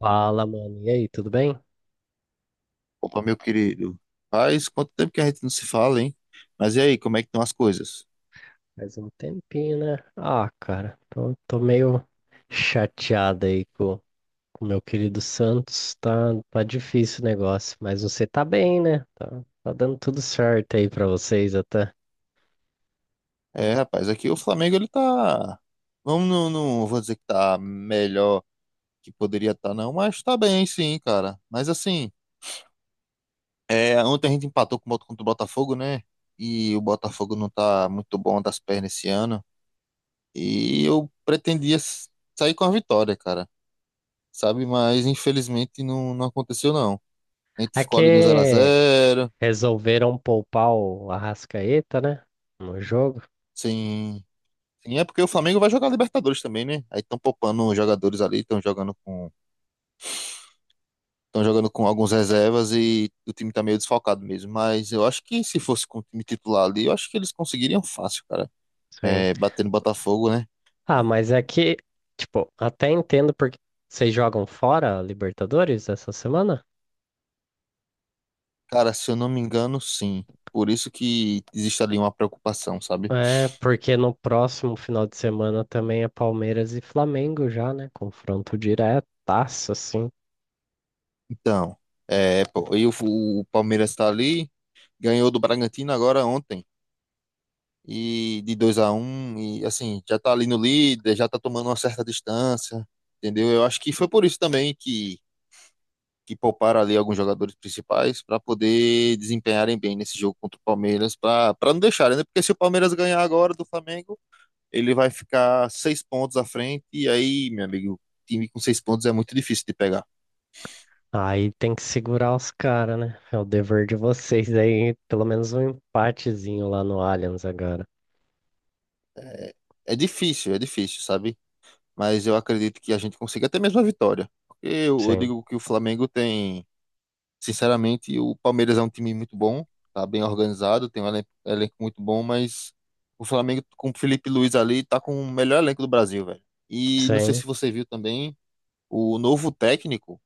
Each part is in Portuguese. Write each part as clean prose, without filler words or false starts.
Fala, mano. E aí, tudo bem? Opa, meu querido. Faz quanto tempo que a gente não se fala, hein? Mas e aí, como é que estão as coisas? Faz um tempinho, né? Ah, cara, tô meio chateado aí com o meu querido Santos. Tá, tá difícil o negócio, mas você tá bem, né? Tá dando tudo certo aí pra vocês até. É, rapaz, aqui o Flamengo ele tá. Vamos, não, não vou dizer que tá melhor que poderia estar, não, mas tá bem, sim, cara. Mas assim, é, ontem a gente empatou com o contra o Botafogo, né? E o Botafogo não tá muito bom das pernas esse ano. E eu pretendia sair com a vitória, cara. Sabe? Mas infelizmente não, não aconteceu, não. A gente É ficou ali no zero a que zero, resolveram poupar o Arrascaeta, né? No jogo. sem. Sim, é porque o Flamengo vai jogar Libertadores também, né? Aí estão poupando os jogadores ali, estão jogando com alguns reservas e o time tá meio desfalcado mesmo. Mas eu acho que se fosse com o time titular ali, eu acho que eles conseguiriam fácil, cara. Sim. É, batendo Botafogo, né? Ah, mas é que, tipo, até entendo porque vocês jogam fora a Libertadores essa semana? Cara, se eu não me engano, sim. Por isso que existe ali uma preocupação, sabe? É, porque no próximo final de semana também é Palmeiras e Flamengo já, né? Confronto diretaço, assim. Então, é, pô, e o Palmeiras tá ali, ganhou do Bragantino agora ontem, e de 2-1 e assim, já tá ali no líder, já tá tomando uma certa distância, entendeu? Eu acho que foi por isso também que pouparam ali alguns jogadores principais para poder desempenharem bem nesse jogo contra o Palmeiras, para não deixarem, né? Porque se o Palmeiras ganhar agora do Flamengo, ele vai ficar 6 pontos à frente, e aí, meu amigo, time com 6 pontos é muito difícil de pegar. Aí tem que segurar os caras, né? É o dever de vocês aí, pelo menos um empatezinho lá no Allianz agora. É difícil, sabe? Mas eu acredito que a gente consiga até mesmo a vitória. Porque eu Sim, digo que o Flamengo tem. Sinceramente, o Palmeiras é um time muito bom, tá bem organizado, tem um elenco, elenco muito bom, mas o Flamengo com o Felipe Luiz ali tá com o melhor elenco do Brasil, velho. E não sei sim. se você viu também, o novo técnico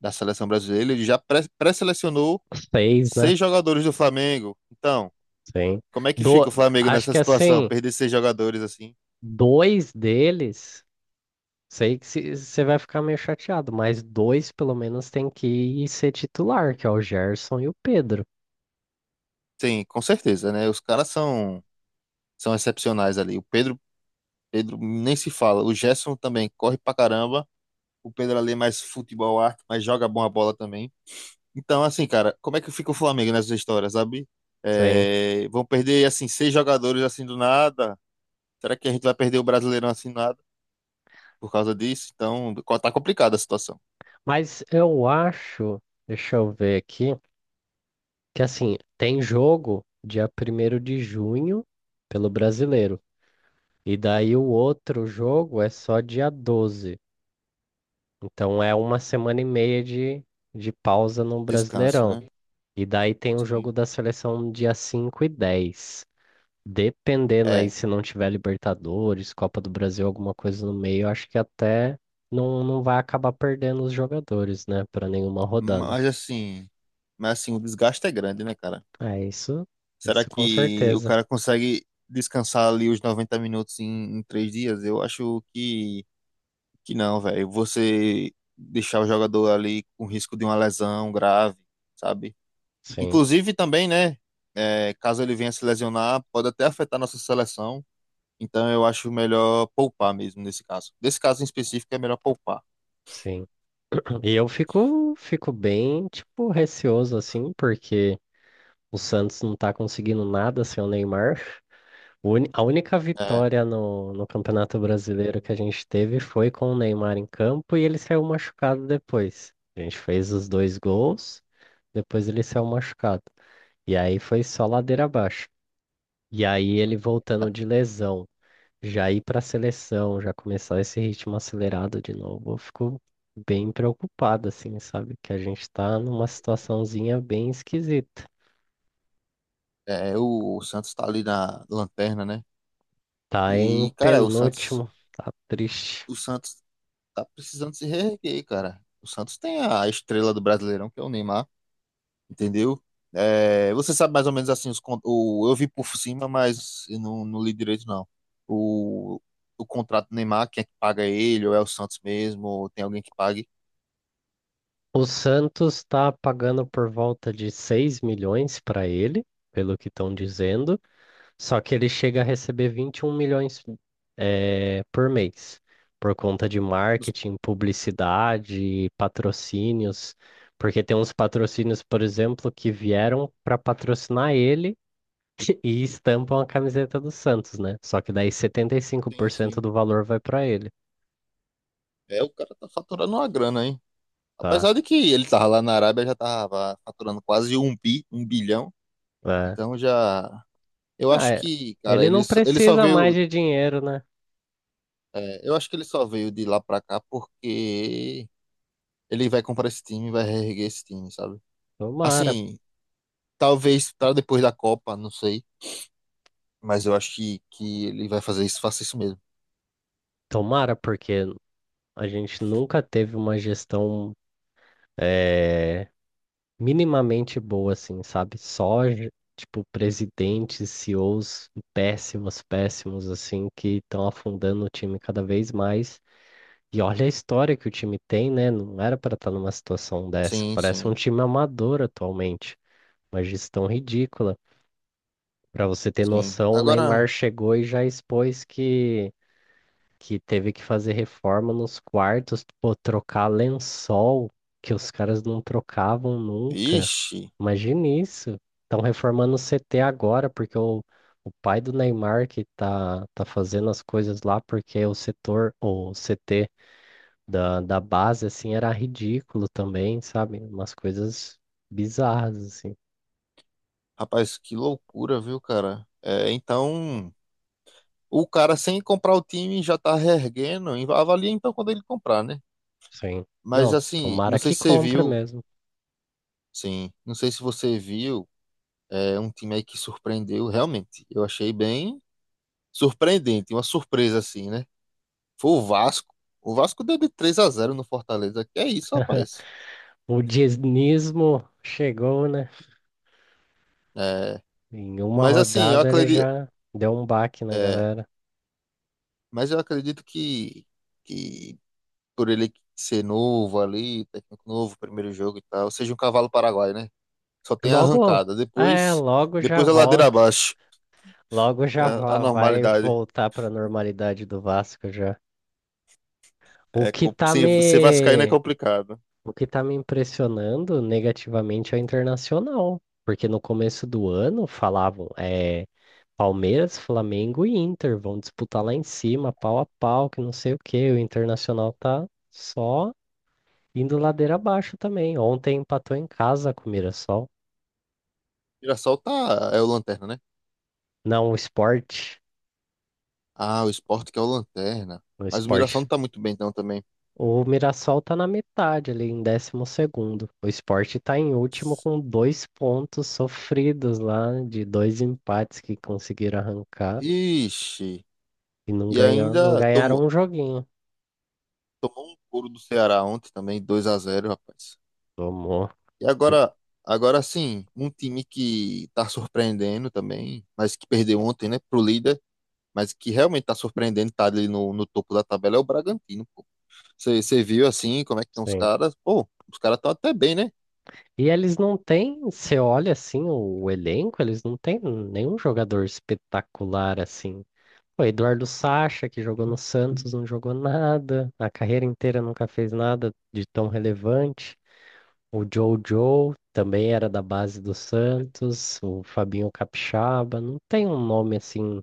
da seleção brasileira, ele já pré-selecionou Seis, né? 6 jogadores do Flamengo. Então, Sim. como é que Do... fica o Flamengo Acho nessa que situação? assim, Perder 6 jogadores assim? dois deles, sei que você vai ficar meio chateado, mas dois pelo menos tem que ir ser titular, que é o Gerson e o Pedro. Sim, com certeza, né? Os caras são, são excepcionais ali. O Pedro, Pedro nem se fala, o Gerson também corre pra caramba. O Pedro Ale é mais futebol arte, mas joga bom a bola também. Então, assim, cara, como é que fica o Flamengo nessa história, sabe? Sim. É, vão perder, assim, 6 jogadores assim do nada. Será que a gente vai perder o Brasileirão assim do nada por causa disso? Então, tá complicada a situação. Mas eu acho, deixa eu ver aqui, que assim, tem jogo dia 1º de junho pelo Brasileiro. E daí o outro jogo é só dia 12. Então é uma semana e meia de pausa no Descansa, Brasileirão. né? E daí tem o Sim. jogo da seleção dia 5 e 10. Dependendo aí É, se não tiver Libertadores, Copa do Brasil, alguma coisa no meio, eu acho que até não vai acabar perdendo os jogadores, né, para nenhuma rodada. mas assim, mas assim, o desgaste é grande, né, cara? É isso, Será isso com que o certeza. cara consegue descansar ali os 90 minutos em, em 3 dias? Eu acho que. Que não, velho. Você deixar o jogador ali com risco de uma lesão grave, sabe? Sim, Inclusive também, né? É, caso ele venha se lesionar, pode até afetar nossa seleção. Então eu acho melhor poupar mesmo nesse caso. Nesse caso em específico é melhor poupar. sim. E eu fico bem, tipo, receoso assim, porque o Santos não tá conseguindo nada sem o Neymar. A única É, vitória no Campeonato Brasileiro que a gente teve foi com o Neymar em campo e ele saiu machucado depois. A gente fez os dois gols, depois ele saiu machucado. E aí foi só ladeira abaixo. E aí ele voltando de lesão. Já ir para a seleção, já começar esse ritmo acelerado de novo, eu fico bem preocupado, assim, sabe? Que a gente tá numa situaçãozinha bem esquisita. é, o Santos tá ali na lanterna, né? Tá em E, cara, o Santos, penúltimo, tá triste. o Santos tá precisando se reerguer, cara. O Santos tem a estrela do Brasileirão, que é o Neymar. Entendeu? É, você sabe mais ou menos assim, os, o, eu vi por cima, mas eu não li direito, não. O, o contrato do Neymar, quem é que paga ele, ou é o Santos mesmo, ou tem alguém que pague? O Santos tá pagando por volta de 6 milhões para ele, pelo que estão dizendo. Só que ele chega a receber 21 milhões por mês, por conta de Os- marketing, publicidade, patrocínios, porque tem uns patrocínios, por exemplo, que vieram para patrocinar ele e estampam a camiseta do Santos, né? Só que daí Sim, 75% sim. do valor vai para ele, É, o cara tá faturando uma grana, hein? Apesar tá? de que ele tava lá na Arábia, já tava faturando quase um bilhão. É. Então já. Eu Ah, acho é. que, cara, Ele não ele só precisa mais veio. de dinheiro, né? É, eu acho que ele só veio de lá pra cá porque ele vai comprar esse time, vai reerguer esse time, sabe? Tomara, Assim, talvez para depois da Copa, não sei. Mas eu acho que ele vai fazer isso, faça isso mesmo. tomara, porque a gente nunca teve uma gestão eh, minimamente boa, assim, sabe? Tipo, presidentes, CEOs péssimos, péssimos, assim, que estão afundando o time cada vez mais. E olha a história que o time tem, né? Não era para estar numa situação dessa. Sim, Parece um sim, time amador atualmente. Uma gestão ridícula. Para você ter sim. noção, o Neymar Agora, chegou e já expôs que teve que fazer reforma nos quartos, pô, trocar lençol, que os caras não trocavam nunca. vixe, Imagine isso. Estão reformando o CT agora, porque o pai do Neymar que tá fazendo as coisas lá, porque o setor, o CT da base, assim, era ridículo também, sabe? Umas coisas bizarras, assim. rapaz, que loucura, viu, cara? É, então, o cara sem comprar o time já tá reerguendo, e avalia então quando ele comprar, né? Sim. Mas Não, assim, não tomara sei que se você compra viu, mesmo. sim, não sei se você viu, é um time aí que surpreendeu, realmente. Eu achei bem surpreendente, uma surpresa assim, né? Foi o Vasco. O Vasco deu de 3 a zero no Fortaleza. Que é isso, rapaz. O dinismo chegou, né? É, Em uma mas assim, eu rodada ele acredito, já deu um baque na é, galera. mas eu acredito que por ele ser novo ali, técnico novo, primeiro jogo e tal, seja um cavalo paraguaio, né? Só tem Logo, arrancada. é, Depois, logo já depois a ladeira volta. abaixo. Logo já É a vai normalidade. voltar para a normalidade do Vasco já. O É, que tá se você vascaíno é me, complicado. O que tá me impressionando negativamente é o Internacional, porque no começo do ano falavam, é, Palmeiras, Flamengo e Inter vão disputar lá em cima, pau a pau, que não sei o quê. O Internacional tá só indo ladeira abaixo também. Ontem empatou em casa com o Mirassol. Mirassol tá, é o lanterna, né? Não, o Sport. Ah, o Sport que é o lanterna. O Mas o Mirassol Sport não tá muito bem, então também. O Mirassol tá na metade ali, em décimo segundo. O Sport tá em último com 2 pontos sofridos lá, de dois empates que conseguiram arrancar Ixi. e não E ganhar, não ainda ganharam tomou, um joguinho. Tomou um couro do Ceará ontem também, 2-0 rapaz. Tomou. E E- agora, agora sim, um time que tá surpreendendo também, mas que perdeu ontem, né, pro líder, mas que realmente tá surpreendendo, tá ali no, no topo da tabela, é o Bragantino, pô. Você viu assim, como é que estão os Sim. caras? Pô, os caras estão até bem, né? E eles não têm, você olha assim o elenco, eles não têm nenhum jogador espetacular assim. O Eduardo Sacha, que jogou no Santos, não jogou nada, a carreira inteira nunca fez nada de tão relevante. O Jojo também era da base do Santos, o Fabinho Capixaba, não tem um nome assim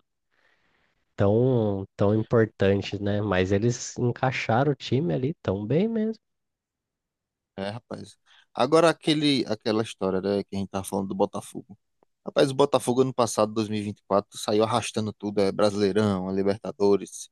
tão importante, né? Mas eles encaixaram o time ali tão bem mesmo. É, rapaz. Agora aquele, aquela história, né, que a gente tava falando do Botafogo. Rapaz, o Botafogo ano passado, dois mil e vinte e quatro saiu arrastando tudo, é Brasileirão, é Libertadores,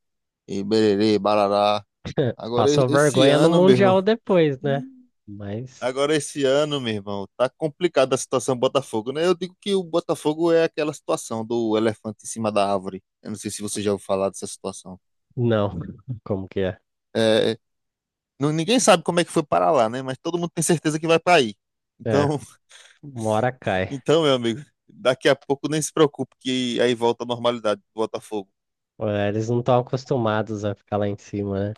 e bererê, barará. Agora, Passou esse vergonha no ano, meu Mundial irmão. depois, né? Hum. Mas Agora, esse ano, meu irmão, tá complicada a situação do Botafogo, né? Eu digo que o Botafogo é aquela situação do elefante em cima da árvore. Eu não sei se você já ouviu falar dessa situação. não, como que é? É, ninguém sabe como é que foi para lá, né? Mas todo mundo tem certeza que vai para aí. É, Então, uma hora cai. então, meu amigo, daqui a pouco nem se preocupe que aí volta a normalidade do Botafogo. É, eles não estão acostumados a ficar lá em cima, né?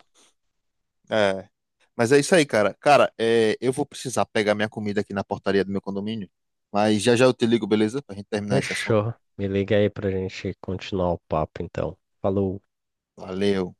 É, mas é isso aí, cara. Cara, é, eu vou precisar pegar minha comida aqui na portaria do meu condomínio. Mas já já eu te ligo, beleza? Pra gente terminar esse assunto. Fechou. Me liga aí pra gente continuar o papo, então. Falou. Valeu.